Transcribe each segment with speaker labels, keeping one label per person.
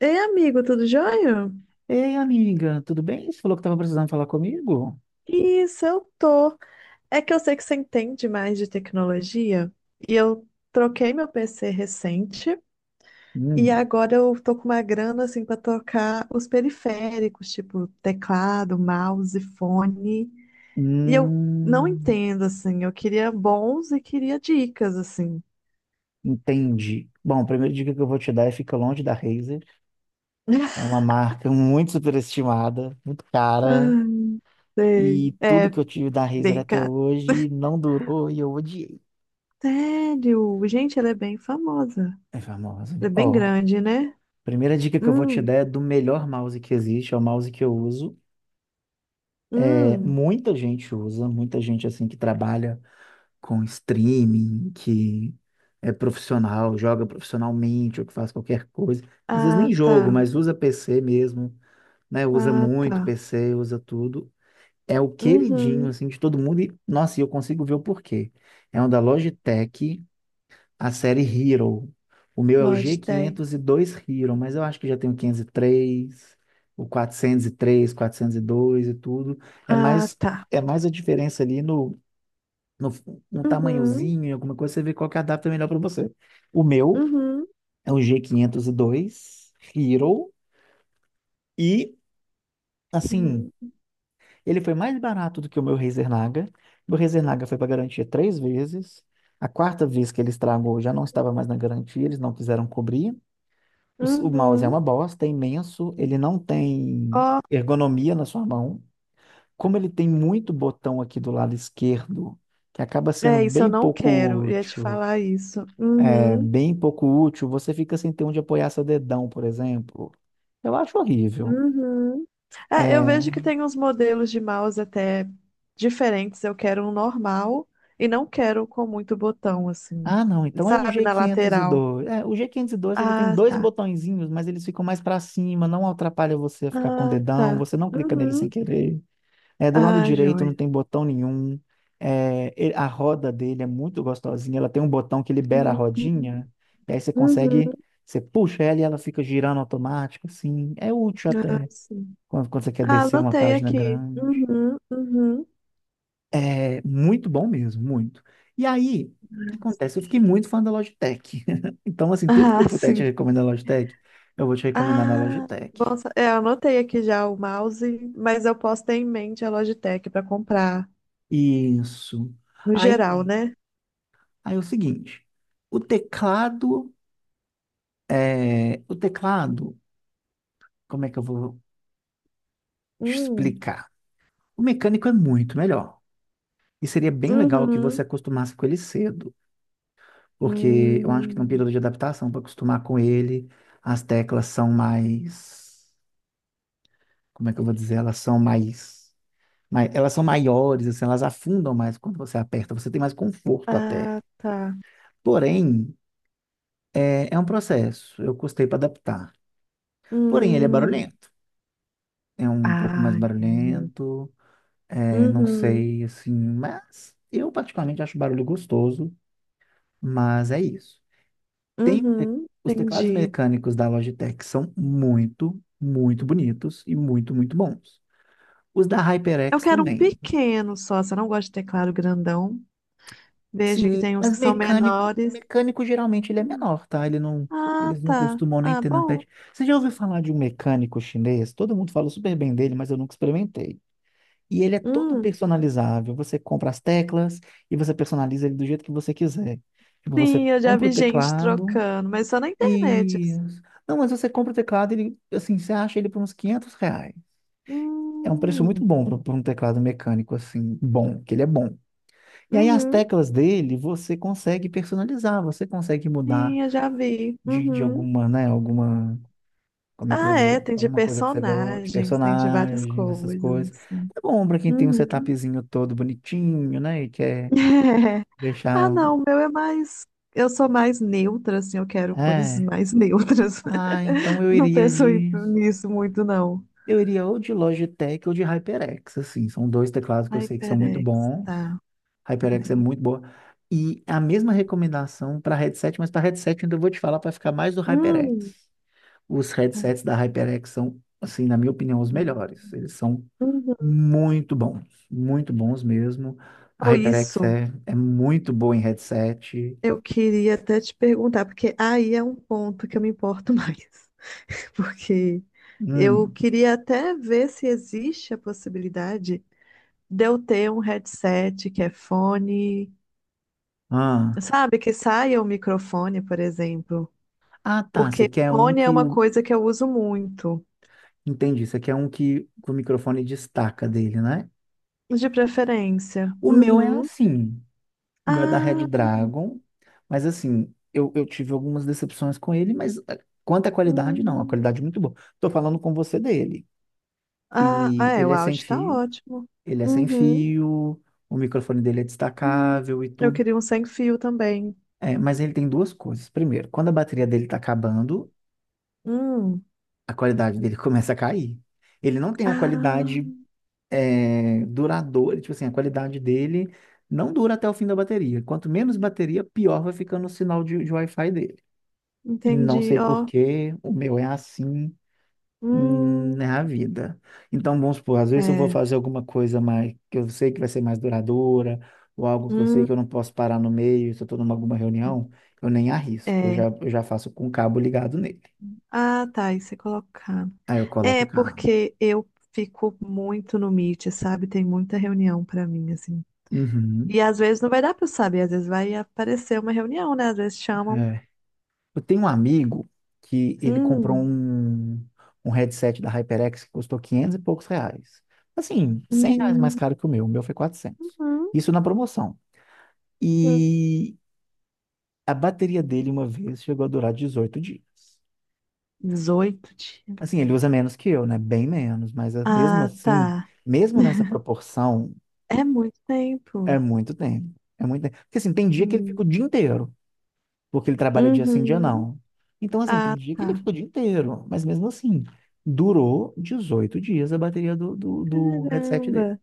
Speaker 1: Ei, amigo, tudo jóia?
Speaker 2: Ei, amiga, tudo bem? Você falou que estava precisando falar comigo?
Speaker 1: Isso, eu tô. É que eu sei que você entende mais de tecnologia e eu troquei meu PC recente e
Speaker 2: Hum.
Speaker 1: agora eu tô com uma grana assim pra trocar os periféricos, tipo teclado, mouse, fone. E eu não
Speaker 2: Hum.
Speaker 1: entendo assim, eu queria bons e queria dicas assim.
Speaker 2: Entendi. Bom, a primeira dica que eu vou te dar é fica longe da Razer. É uma marca muito superestimada, muito cara,
Speaker 1: Ai, sei.
Speaker 2: e tudo
Speaker 1: É
Speaker 2: que eu tive da Razer
Speaker 1: bem
Speaker 2: até
Speaker 1: caro.
Speaker 2: hoje não durou e eu odiei.
Speaker 1: Sério? Gente, ela é bem famosa.
Speaker 2: É famosa.
Speaker 1: Ela é bem
Speaker 2: Ó,
Speaker 1: grande, né?
Speaker 2: primeira dica que eu vou te
Speaker 1: Hum,
Speaker 2: dar é do melhor mouse que existe, é o mouse que eu uso. É,
Speaker 1: hum.
Speaker 2: muita gente usa, muita gente assim que trabalha com streaming, que é profissional, joga profissionalmente ou que faz qualquer coisa. Às vezes
Speaker 1: Ah,
Speaker 2: nem jogo,
Speaker 1: tá.
Speaker 2: mas usa PC mesmo, né? Usa
Speaker 1: Ah,
Speaker 2: muito
Speaker 1: tá.
Speaker 2: PC, usa tudo. É o queridinho,
Speaker 1: Uhum.
Speaker 2: assim, de todo mundo. E, nossa, e eu consigo ver o porquê. É um da Logitech, a série Hero. O meu é o g
Speaker 1: Logitech.
Speaker 2: quinhentos e dois Hero, mas eu acho que já tem o 503 o 403, 402 e tudo. É
Speaker 1: Ah,
Speaker 2: mais,
Speaker 1: tá.
Speaker 2: é mais a diferença ali no, no
Speaker 1: Uhum.
Speaker 2: tamanhozinho, em alguma coisa, você vê qual que adapta melhor para você. O meu
Speaker 1: Uhum.
Speaker 2: é o G502 Hero e, assim,
Speaker 1: Eu-
Speaker 2: ele foi mais barato do que o meu Razer Naga. Meu Razer Naga foi para garantia três vezes. A quarta vez que ele estragou já não estava mais na garantia, eles não quiseram cobrir. O mouse é
Speaker 1: Uhum.
Speaker 2: uma bosta, é imenso, ele não tem
Speaker 1: Ó,
Speaker 2: ergonomia na sua mão. Como ele tem muito botão aqui do lado esquerdo, que acaba sendo
Speaker 1: é isso, eu
Speaker 2: bem
Speaker 1: não
Speaker 2: pouco
Speaker 1: quero. Ia te
Speaker 2: útil
Speaker 1: falar isso.
Speaker 2: é
Speaker 1: Uhum.
Speaker 2: bem pouco útil, você fica sem ter onde apoiar seu dedão, por exemplo. Eu acho horrível.
Speaker 1: Uhum. É, eu vejo que
Speaker 2: É...
Speaker 1: tem uns modelos de mouse até diferentes. Eu quero um normal e não quero com muito botão, assim.
Speaker 2: Ah, não, então é o
Speaker 1: Sabe,
Speaker 2: g
Speaker 1: na
Speaker 2: quinhentos e
Speaker 1: lateral.
Speaker 2: dois. É, o g quinhentos e dois ele tem
Speaker 1: Ah,
Speaker 2: dois
Speaker 1: tá.
Speaker 2: botõezinhos, mas eles ficam mais para cima, não atrapalha você a ficar com o
Speaker 1: Ah,
Speaker 2: dedão,
Speaker 1: tá.
Speaker 2: você não clica nele sem
Speaker 1: Uhum.
Speaker 2: querer. É, do lado
Speaker 1: Ah,
Speaker 2: direito não
Speaker 1: joia.
Speaker 2: tem botão nenhum. É, ele- a roda dele é muito gostosinha, ela tem um botão que libera a
Speaker 1: Uhum. Uhum.
Speaker 2: rodinha, e aí você consegue, você puxa ela e ela fica girando automático, assim, é útil
Speaker 1: Ah,
Speaker 2: até
Speaker 1: sim.
Speaker 2: quando você quer
Speaker 1: Ah,
Speaker 2: descer uma
Speaker 1: anotei
Speaker 2: página
Speaker 1: aqui.
Speaker 2: grande.
Speaker 1: Uhum, uhum.
Speaker 2: É muito bom mesmo, muito. E aí, o que acontece? Eu fiquei muito fã da Logitech. Então, assim, tudo que eu
Speaker 1: Ah,
Speaker 2: puder te
Speaker 1: sim.
Speaker 2: recomendar na Logitech, eu vou te recomendar na
Speaker 1: Ah,
Speaker 2: Logitech.
Speaker 1: bom, é, eu anotei aqui já o mouse, mas eu posso ter em mente a Logitech para comprar
Speaker 2: Isso.
Speaker 1: no geral,
Speaker 2: Aí,
Speaker 1: né?
Speaker 2: aí é o seguinte, o teclado, o teclado, como é que eu vou te
Speaker 1: Hum.
Speaker 2: explicar? O mecânico é muito melhor. E seria bem legal que
Speaker 1: Uhum.
Speaker 2: você acostumasse com ele cedo. Porque eu acho que num
Speaker 1: Hum.
Speaker 2: período de adaptação, para acostumar com ele, as teclas são mais, como é que eu vou dizer? Elas são mais, elas são maiores, assim, elas afundam mais quando você aperta, você tem mais conforto até.
Speaker 1: Ah, tá.
Speaker 2: Porém, é um processo, eu custei para adaptar. Porém, ele é
Speaker 1: Hum.
Speaker 2: barulhento, é um pouco mais
Speaker 1: Ah, entendi.
Speaker 2: barulhento, é, não
Speaker 1: Uhum.
Speaker 2: sei, assim, mas eu particularmente acho barulho gostoso, mas é isso. Tem te-
Speaker 1: Uhum.
Speaker 2: os teclados
Speaker 1: Entendi.
Speaker 2: mecânicos da Logitech são muito, muito bonitos e muito, muito bons. Os da
Speaker 1: Eu
Speaker 2: HyperX
Speaker 1: quero um
Speaker 2: também.
Speaker 1: pequeno só, se eu não gosto de teclado grandão. Vejo que
Speaker 2: Sim,
Speaker 1: tem uns
Speaker 2: mas
Speaker 1: que são
Speaker 2: mecânico,
Speaker 1: menores.
Speaker 2: mecânico geralmente ele é menor, tá? Ele não,
Speaker 1: Ah,
Speaker 2: eles não
Speaker 1: tá.
Speaker 2: costumam nem
Speaker 1: Ah,
Speaker 2: ter
Speaker 1: bom.
Speaker 2: numpad. Você já ouviu falar de um mecânico chinês? Todo mundo fala super bem dele, mas eu nunca experimentei. E ele é todo
Speaker 1: Hum.
Speaker 2: personalizável. Você compra as teclas e você personaliza ele do jeito que você quiser. Tipo, você
Speaker 1: Sim, eu já
Speaker 2: compra o
Speaker 1: vi gente
Speaker 2: teclado.
Speaker 1: trocando, mas só na internet. Assim.
Speaker 2: Isso. Não, mas você compra o teclado, ele, assim, você acha ele por uns R$ 500. É um preço muito
Speaker 1: Hum.
Speaker 2: bom para um teclado mecânico, assim, bom, que ele é bom. E aí as
Speaker 1: Uhum.
Speaker 2: teclas dele você consegue personalizar, você consegue mudar
Speaker 1: Sim, eu já vi.
Speaker 2: de
Speaker 1: Uhum.
Speaker 2: alguma, né, alguma, como é que eu vou
Speaker 1: Ah, é,
Speaker 2: dizer,
Speaker 1: tem de
Speaker 2: alguma coisa que você gosta, de
Speaker 1: personagens, tem de várias
Speaker 2: personagens, essas
Speaker 1: coisas,
Speaker 2: coisas.
Speaker 1: assim.
Speaker 2: É bom para quem tem um
Speaker 1: Uhum.
Speaker 2: setupzinho todo bonitinho, né, e quer
Speaker 1: Ah,
Speaker 2: deixar,
Speaker 1: não, o meu é mais. Eu sou mais neutra, assim, eu quero cores
Speaker 2: é.
Speaker 1: mais neutras.
Speaker 2: Ah, então eu
Speaker 1: Não
Speaker 2: iria
Speaker 1: penso em-
Speaker 2: de
Speaker 1: nisso muito, não.
Speaker 2: Eu iria ou de Logitech ou de HyperX, assim. São dois teclados que eu sei que são muito
Speaker 1: HyperX,
Speaker 2: bons.
Speaker 1: tá.
Speaker 2: HyperX é
Speaker 1: Ai.
Speaker 2: muito boa. E a mesma recomendação para headset, mas para headset ainda vou te falar para ficar mais do HyperX.
Speaker 1: Hum.
Speaker 2: Os headsets
Speaker 1: Ai,
Speaker 2: da HyperX são, assim, na minha opinião, os melhores. Eles são
Speaker 1: uhum.
Speaker 2: muito bons, muito bons mesmo. A
Speaker 1: Ou
Speaker 2: HyperX
Speaker 1: isso.
Speaker 2: é muito boa em headset.
Speaker 1: Eu queria até te perguntar, porque aí é um ponto que eu me importo mais. Porque eu
Speaker 2: Hum.
Speaker 1: queria até ver se existe a possibilidade de eu ter um headset que é fone,
Speaker 2: Ah.
Speaker 1: sabe? Que saia o microfone, por exemplo.
Speaker 2: Ah, tá. Você
Speaker 1: Porque
Speaker 2: quer um
Speaker 1: fone é
Speaker 2: que
Speaker 1: uma
Speaker 2: o.
Speaker 1: coisa que eu uso muito,
Speaker 2: Entendi. Você quer um que o microfone destaca dele, né?
Speaker 1: de preferência.
Speaker 2: O meu é
Speaker 1: Uhum.
Speaker 2: assim. O meu é da Red
Speaker 1: Ah,
Speaker 2: Dragon. Mas assim, eu tive algumas decepções com ele, mas quanto à qualidade, não. A
Speaker 1: hum.
Speaker 2: qualidade é muito boa. Tô falando com você dele.
Speaker 1: Ah, ah,
Speaker 2: E
Speaker 1: é, o
Speaker 2: ele é sem
Speaker 1: áudio tá
Speaker 2: fio,
Speaker 1: ótimo.
Speaker 2: ele é sem
Speaker 1: Uhum.
Speaker 2: fio, o microfone dele é
Speaker 1: Hum.
Speaker 2: destacável e
Speaker 1: Eu
Speaker 2: tudo.
Speaker 1: queria um sem fio também.
Speaker 2: É, mas ele tem duas coisas. Primeiro, quando a bateria dele tá acabando,
Speaker 1: Hum.
Speaker 2: a qualidade dele começa a cair. Ele não tem a qualidade
Speaker 1: Ah.
Speaker 2: duradouro, tipo assim, a qualidade dele não dura até o fim da bateria. Quanto menos bateria, pior vai ficando o sinal de Wi-Fi dele. Não
Speaker 1: Entendi,
Speaker 2: sei por
Speaker 1: ó.
Speaker 2: quê, o meu é assim, é
Speaker 1: Hum,
Speaker 2: a vida. Então, vamos supor, às vezes eu vou
Speaker 1: é.
Speaker 2: fazer alguma coisa mais que eu sei que vai ser mais duradoura, ou algo que eu sei
Speaker 1: Hum,
Speaker 2: que eu não posso parar no meio, se eu estou numa alguma reunião, eu nem arrisco, eu já,
Speaker 1: é.
Speaker 2: eu já faço com o cabo ligado nele.
Speaker 1: Ah, tá, aí você colocar.
Speaker 2: Aí eu coloco
Speaker 1: É,
Speaker 2: o cabo.
Speaker 1: porque eu fico muito no Meet, sabe? Tem muita reunião pra mim, assim.
Speaker 2: Uhum,
Speaker 1: E às vezes não vai dar pra eu saber, às vezes vai aparecer uma reunião, né? Às vezes chamam.
Speaker 2: é. Eu tenho um amigo que ele comprou
Speaker 1: Hum,
Speaker 2: um headset da HyperX que custou 500 e poucos reais. Assim, 100 reais mais
Speaker 1: hum,
Speaker 2: caro que o meu. O meu foi quatrocentos.
Speaker 1: uhum,
Speaker 2: Isso na promoção.
Speaker 1: uhum.
Speaker 2: E a bateria dele, uma vez, chegou a durar 18 dias.
Speaker 1: 18
Speaker 2: Assim,
Speaker 1: dias.
Speaker 2: ele usa menos que eu, né? Bem menos. Mas mesmo
Speaker 1: Ah,
Speaker 2: assim,
Speaker 1: tá.
Speaker 2: mesmo nessa proporção,
Speaker 1: É muito tempo.
Speaker 2: é muito tempo. É muito tempo. Porque assim, tem dia que ele fica o
Speaker 1: Hum.
Speaker 2: dia inteiro. Porque ele trabalha dia sim, dia
Speaker 1: Uhum.
Speaker 2: não. Então, assim, tem
Speaker 1: Ah,
Speaker 2: dia que ele
Speaker 1: tá.
Speaker 2: ficou o dia inteiro, mas mesmo assim, durou 18 dias a bateria do headset dele.
Speaker 1: Caramba.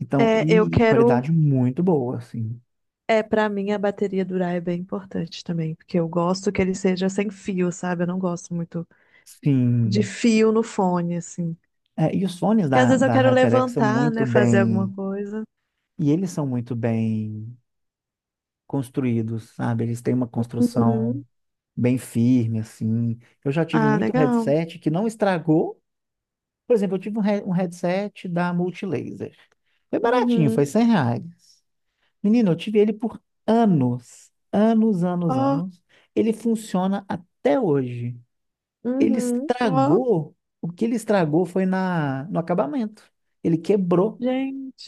Speaker 2: Então,
Speaker 1: É, eu
Speaker 2: e
Speaker 1: quero.
Speaker 2: qualidade muito boa, assim.
Speaker 1: É, pra mim a bateria durar é bem importante também, porque eu gosto que ele seja sem fio, sabe? Eu não gosto muito de
Speaker 2: Sim.
Speaker 1: fio no fone, assim.
Speaker 2: É, e os fones
Speaker 1: Porque às
Speaker 2: da,
Speaker 1: vezes eu
Speaker 2: da
Speaker 1: quero
Speaker 2: HyperX são
Speaker 1: levantar,
Speaker 2: muito
Speaker 1: né? Fazer alguma
Speaker 2: bem.
Speaker 1: coisa.
Speaker 2: E eles são muito bem construídos, sabe? Eles têm uma construção
Speaker 1: Uhum.
Speaker 2: bem firme, assim. Eu já tive
Speaker 1: Ah,
Speaker 2: muito
Speaker 1: legal.
Speaker 2: headset que não estragou. Por exemplo, eu tive um headset da Multilaser. Foi baratinho, foi
Speaker 1: Uhum.
Speaker 2: R$ 100. Menino, eu tive ele por anos, anos, anos,
Speaker 1: Ó,
Speaker 2: anos. Ele funciona até hoje. Ele
Speaker 1: uhum. Ó,
Speaker 2: estragou, o que ele estragou foi na, no acabamento. Ele quebrou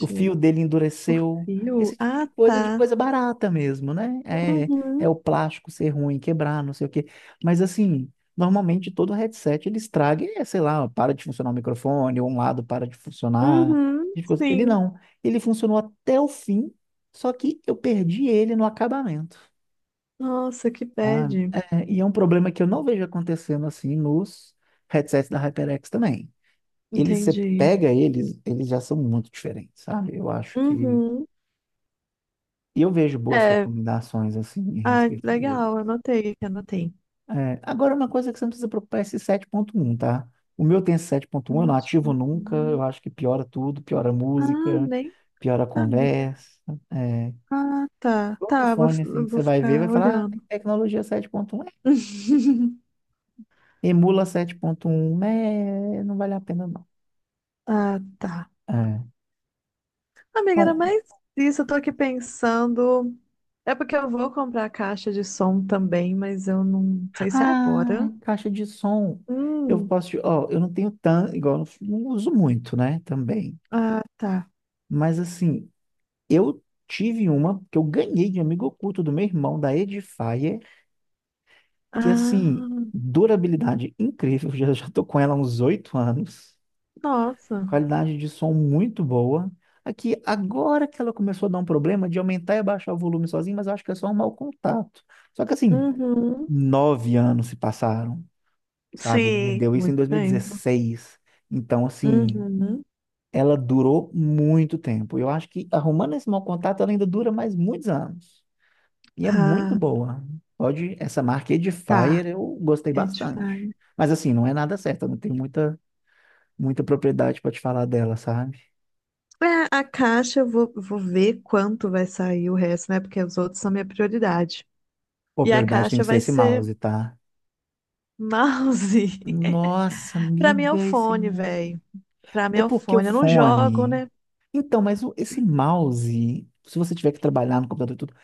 Speaker 2: o fio dele
Speaker 1: O
Speaker 2: endureceu.
Speaker 1: fio?
Speaker 2: Esse tipo
Speaker 1: Ah,
Speaker 2: de
Speaker 1: tá.
Speaker 2: coisa barata mesmo, né? É, é
Speaker 1: Uhum.
Speaker 2: o plástico ser ruim, quebrar, não sei o quê. Mas assim, normalmente todo headset ele estraga, e, sei lá, para de funcionar o microfone, ou um lado para de funcionar.
Speaker 1: Uhum.
Speaker 2: Tipo coisa. Ele
Speaker 1: Sim.
Speaker 2: não. Ele funcionou até o fim, só que eu perdi ele no acabamento.
Speaker 1: Nossa, que bad.
Speaker 2: Ah, é, e é um problema que eu não vejo acontecendo assim nos headsets da HyperX também. Eles, você
Speaker 1: Entendi.
Speaker 2: pega eles, eles já são muito diferentes, sabe? Eu acho que
Speaker 1: Uhum.
Speaker 2: E eu vejo boas
Speaker 1: É.
Speaker 2: recomendações, assim, em
Speaker 1: Ah,
Speaker 2: respeito dele.
Speaker 1: legal. Anotei, anotei.
Speaker 2: É, agora, uma coisa que você não precisa preocupar é esse sete ponto um, tá? O meu tem esse sete ponto um, eu não
Speaker 1: Mas,
Speaker 2: ativo
Speaker 1: tipo,
Speaker 2: nunca, eu
Speaker 1: uhum.
Speaker 2: acho que piora tudo, piora a
Speaker 1: Ah,
Speaker 2: música,
Speaker 1: nem
Speaker 2: piora a
Speaker 1: sabia.
Speaker 2: conversa. É,
Speaker 1: Ah, tá.
Speaker 2: todo
Speaker 1: Tá,
Speaker 2: fone, assim,
Speaker 1: eu
Speaker 2: que
Speaker 1: vou
Speaker 2: você vai ver, vai
Speaker 1: ficar
Speaker 2: falar, ah, tem
Speaker 1: olhando.
Speaker 2: tecnologia 7.1, é, emula sete ponto um, é, não vale a pena, não.
Speaker 1: Ah, tá.
Speaker 2: É.
Speaker 1: Amiga, era
Speaker 2: Bom,
Speaker 1: mais isso. Eu tô aqui pensando. É porque eu vou comprar a caixa de som também, mas eu não sei se é
Speaker 2: ah,
Speaker 1: agora.
Speaker 2: caixa de som. Eu
Speaker 1: Hum,
Speaker 2: posso, te- ó, eu não tenho tanto, igual, eu não, não uso muito, né, também.
Speaker 1: ah, tá.
Speaker 2: Mas, assim, eu tive uma que eu ganhei de amigo oculto do meu irmão, da Edifier, que assim,
Speaker 1: Ah,
Speaker 2: durabilidade incrível, já tô com ela há uns 8 anos,
Speaker 1: nossa.
Speaker 2: qualidade de som muito boa. Aqui, agora que ela começou a dar um problema de aumentar e abaixar o volume sozinho, mas eu acho que é só um mau contato. Só que assim,
Speaker 1: Uhum.
Speaker 2: 9 anos se passaram, sabe? Ele me
Speaker 1: Sim.
Speaker 2: deu isso em
Speaker 1: Muito
Speaker 2: dois mil e
Speaker 1: tempo.
Speaker 2: dezesseis. Então, assim,
Speaker 1: Uhum.
Speaker 2: ela durou muito tempo. Eu acho que arrumando esse mau contato, ela ainda dura mais muitos anos. E é muito
Speaker 1: Ah,
Speaker 2: boa. Pode, essa marca
Speaker 1: tá.
Speaker 2: Edifier eu gostei
Speaker 1: É
Speaker 2: bastante.
Speaker 1: diferente.
Speaker 2: Mas assim, não é nada certo, eu não tenho muita propriedade para te falar dela, sabe?
Speaker 1: É, a caixa vou ver quanto vai sair o resto, né? Porque os outros são minha prioridade.
Speaker 2: Pô,
Speaker 1: E a
Speaker 2: prioridade tem
Speaker 1: caixa
Speaker 2: que ser
Speaker 1: vai
Speaker 2: esse
Speaker 1: ser
Speaker 2: mouse, tá?
Speaker 1: mouse.
Speaker 2: Nossa,
Speaker 1: Pra mim é o
Speaker 2: amiga, esse
Speaker 1: fone,
Speaker 2: mouse.
Speaker 1: velho. Pra mim
Speaker 2: É
Speaker 1: é o
Speaker 2: porque o
Speaker 1: fone. Eu não jogo,
Speaker 2: fone.
Speaker 1: né?
Speaker 2: Então, esse mouse, se você tiver que trabalhar no computador e tudo.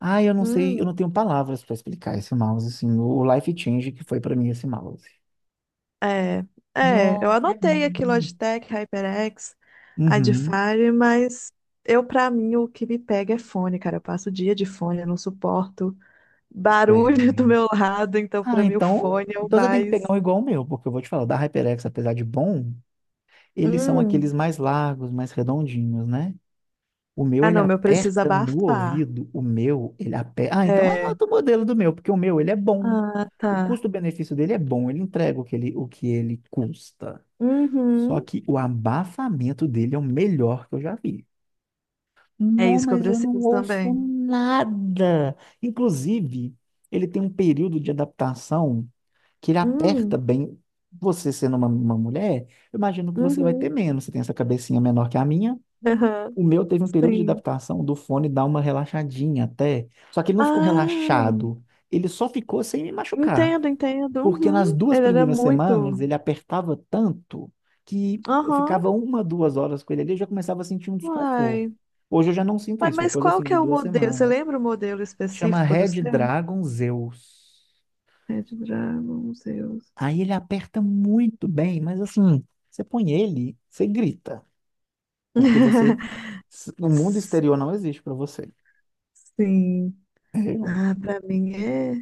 Speaker 2: Ah, eu não sei, eu não
Speaker 1: Hum,
Speaker 2: tenho palavras para explicar esse mouse, assim, o life change que foi para mim esse mouse.
Speaker 1: é. É, eu
Speaker 2: Nossa, ele é
Speaker 1: anotei aqui
Speaker 2: muito.
Speaker 1: Logitech, HyperX,
Speaker 2: Uhum.
Speaker 1: Adfire, mas pra mim, o que me pega é fone, cara. Eu passo o dia de fone, eu não suporto barulho do meu lado, então
Speaker 2: Ah,
Speaker 1: pra mim o
Speaker 2: então,
Speaker 1: fone é o
Speaker 2: então você tem que pegar
Speaker 1: mais.
Speaker 2: um igual o meu, porque eu vou te falar, o da HyperX, apesar de bom, eles são
Speaker 1: Hum.
Speaker 2: aqueles mais largos, mais redondinhos, né? O meu,
Speaker 1: Ah,
Speaker 2: ele
Speaker 1: não, meu preciso
Speaker 2: aperta no
Speaker 1: abafar.
Speaker 2: ouvido, o meu, ele aperta. Ah, então
Speaker 1: É,
Speaker 2: anota o modelo do meu, porque o meu, ele é bom.
Speaker 1: ah,
Speaker 2: O
Speaker 1: tá.
Speaker 2: custo-benefício dele é bom, ele entrega o que ele custa. Só
Speaker 1: Uhum.
Speaker 2: que o abafamento dele é o melhor que eu já vi.
Speaker 1: É
Speaker 2: Não,
Speaker 1: isso que eu
Speaker 2: mas eu não
Speaker 1: preciso
Speaker 2: ouço
Speaker 1: também.
Speaker 2: nada. Inclusive, ele tem um período de adaptação que ele
Speaker 1: Hum,
Speaker 2: aperta bem. Você sendo uma mulher, eu imagino que você vai ter
Speaker 1: uhum,
Speaker 2: menos. Você tem essa cabecinha menor que a minha.
Speaker 1: aham,
Speaker 2: O meu teve um período de
Speaker 1: sim.
Speaker 2: adaptação do fone dar uma relaxadinha até. Só que ele não ficou
Speaker 1: Ah,
Speaker 2: relaxado. Ele só ficou sem me machucar.
Speaker 1: entendo, entendo.
Speaker 2: Porque nas
Speaker 1: Uhum.
Speaker 2: duas
Speaker 1: Ele era
Speaker 2: primeiras
Speaker 1: muito.
Speaker 2: semanas ele apertava tanto que eu
Speaker 1: Aham,
Speaker 2: ficava uma, duas horas com ele ali e já começava a sentir um desconforto.
Speaker 1: uai.
Speaker 2: Hoje eu já não sinto
Speaker 1: Uai,
Speaker 2: isso. É
Speaker 1: mas
Speaker 2: coisa
Speaker 1: qual
Speaker 2: assim
Speaker 1: que
Speaker 2: de
Speaker 1: é o
Speaker 2: duas
Speaker 1: modelo? Você
Speaker 2: semanas.
Speaker 1: lembra o modelo
Speaker 2: Chama
Speaker 1: específico do
Speaker 2: Red
Speaker 1: seu?
Speaker 2: Dragon Zeus.
Speaker 1: Red Dragon, Zeus.
Speaker 2: Aí ele aperta muito bem, mas assim, você põe ele, você grita, porque você, o mundo exterior não existe para você.
Speaker 1: Sim.
Speaker 2: Eu-
Speaker 1: Ah, pra mim é.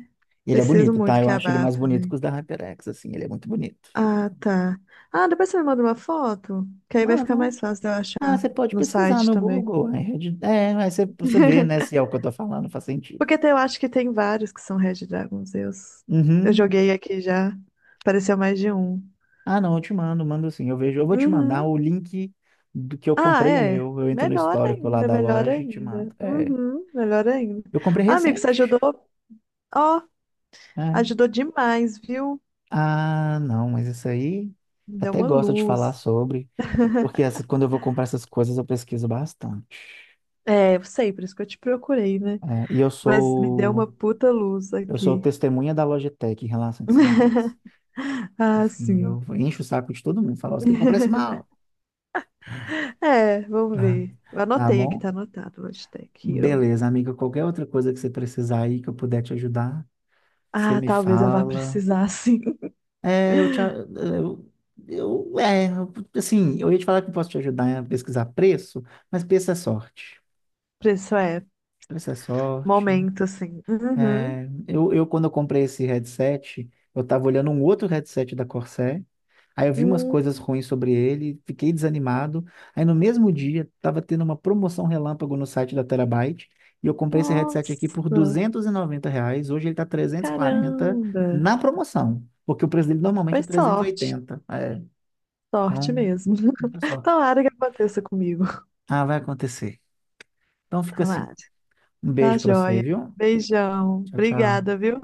Speaker 2: Ele é
Speaker 1: Preciso
Speaker 2: bonito,
Speaker 1: muito
Speaker 2: tá? Eu
Speaker 1: que
Speaker 2: acho ele mais
Speaker 1: abafe,
Speaker 2: bonito
Speaker 1: né?
Speaker 2: que os da HyperX, assim, ele é muito bonito.
Speaker 1: Ah, tá. Ah, depois você me manda uma foto, que aí vai ficar
Speaker 2: Mano,
Speaker 1: mais fácil de eu
Speaker 2: ah,
Speaker 1: achar
Speaker 2: você pode
Speaker 1: no
Speaker 2: pesquisar
Speaker 1: site
Speaker 2: no
Speaker 1: também.
Speaker 2: Google, né? É, aí você, você vê, né, se é o que eu tô falando, faz sentido.
Speaker 1: Porque eu acho que tem vários que são Red Dragons. Eu
Speaker 2: Uhum.
Speaker 1: joguei aqui já, apareceu mais de um.
Speaker 2: Ah, não, eu te mando, mando sim, eu vejo, eu vou te mandar
Speaker 1: Uhum.
Speaker 2: o link do que eu
Speaker 1: Ah,
Speaker 2: comprei o
Speaker 1: é.
Speaker 2: meu, eu entro no
Speaker 1: Melhor
Speaker 2: histórico lá
Speaker 1: ainda,
Speaker 2: da
Speaker 1: melhor
Speaker 2: loja e te mando.
Speaker 1: ainda.
Speaker 2: É,
Speaker 1: Uhum, melhor ainda.
Speaker 2: eu comprei
Speaker 1: Ah, amigo, você
Speaker 2: recente.
Speaker 1: ajudou? Ó,
Speaker 2: Né?
Speaker 1: ajudou demais, viu?
Speaker 2: Ah, não, mas isso aí
Speaker 1: Me deu
Speaker 2: até
Speaker 1: uma
Speaker 2: gosto de
Speaker 1: luz.
Speaker 2: falar sobre, porque quando eu vou comprar essas coisas eu pesquiso bastante.
Speaker 1: É, eu sei, por isso que eu te procurei, né?
Speaker 2: É, e eu
Speaker 1: Mas me deu uma
Speaker 2: sou
Speaker 1: puta luz
Speaker 2: eu sou
Speaker 1: aqui.
Speaker 2: testemunha da Logitech em relação a esse mouse.
Speaker 1: Ah,
Speaker 2: Enfim,
Speaker 1: sim.
Speaker 2: eu encho o saco de todo mundo, falo, você tem que comprar esse mal.
Speaker 1: É, vamos
Speaker 2: Ah,
Speaker 1: ver. Eu
Speaker 2: tá
Speaker 1: anotei aqui,
Speaker 2: bom?
Speaker 1: tá anotado, hashtag Hero.
Speaker 2: Beleza, amiga, qualquer outra coisa que você precisar aí que eu puder te ajudar, você
Speaker 1: Ah,
Speaker 2: me
Speaker 1: talvez eu vá
Speaker 2: fala.
Speaker 1: precisar, sim.
Speaker 2: É, eu te a- eu é, assim, eu ia te falar que eu posso te ajudar a pesquisar preço, mas preço é sorte.
Speaker 1: Isso é,
Speaker 2: Essa é sorte.
Speaker 1: momento, sim. Uhum.
Speaker 2: É, quando eu comprei esse headset, eu tava olhando um outro headset da Corsair. Aí eu vi umas
Speaker 1: Hum,
Speaker 2: coisas ruins sobre ele, fiquei desanimado. Aí no mesmo dia, tava tendo uma promoção relâmpago no site da Terabyte. E eu comprei esse headset aqui por
Speaker 1: nossa,
Speaker 2: R$ 290. Hoje ele tá 340
Speaker 1: caramba.
Speaker 2: na promoção. Porque o preço dele normalmente
Speaker 1: Foi
Speaker 2: é
Speaker 1: sorte,
Speaker 2: 380. É,
Speaker 1: sorte
Speaker 2: então,
Speaker 1: mesmo.
Speaker 2: muita sorte.
Speaker 1: Tomara que aconteça comigo.
Speaker 2: Ah, vai acontecer. Então fica assim.
Speaker 1: Tomara.
Speaker 2: Um
Speaker 1: Tá
Speaker 2: beijo pra você,
Speaker 1: joia.
Speaker 2: viu?
Speaker 1: Beijão.
Speaker 2: Tchau,
Speaker 1: Obrigada,
Speaker 2: tchau.
Speaker 1: viu?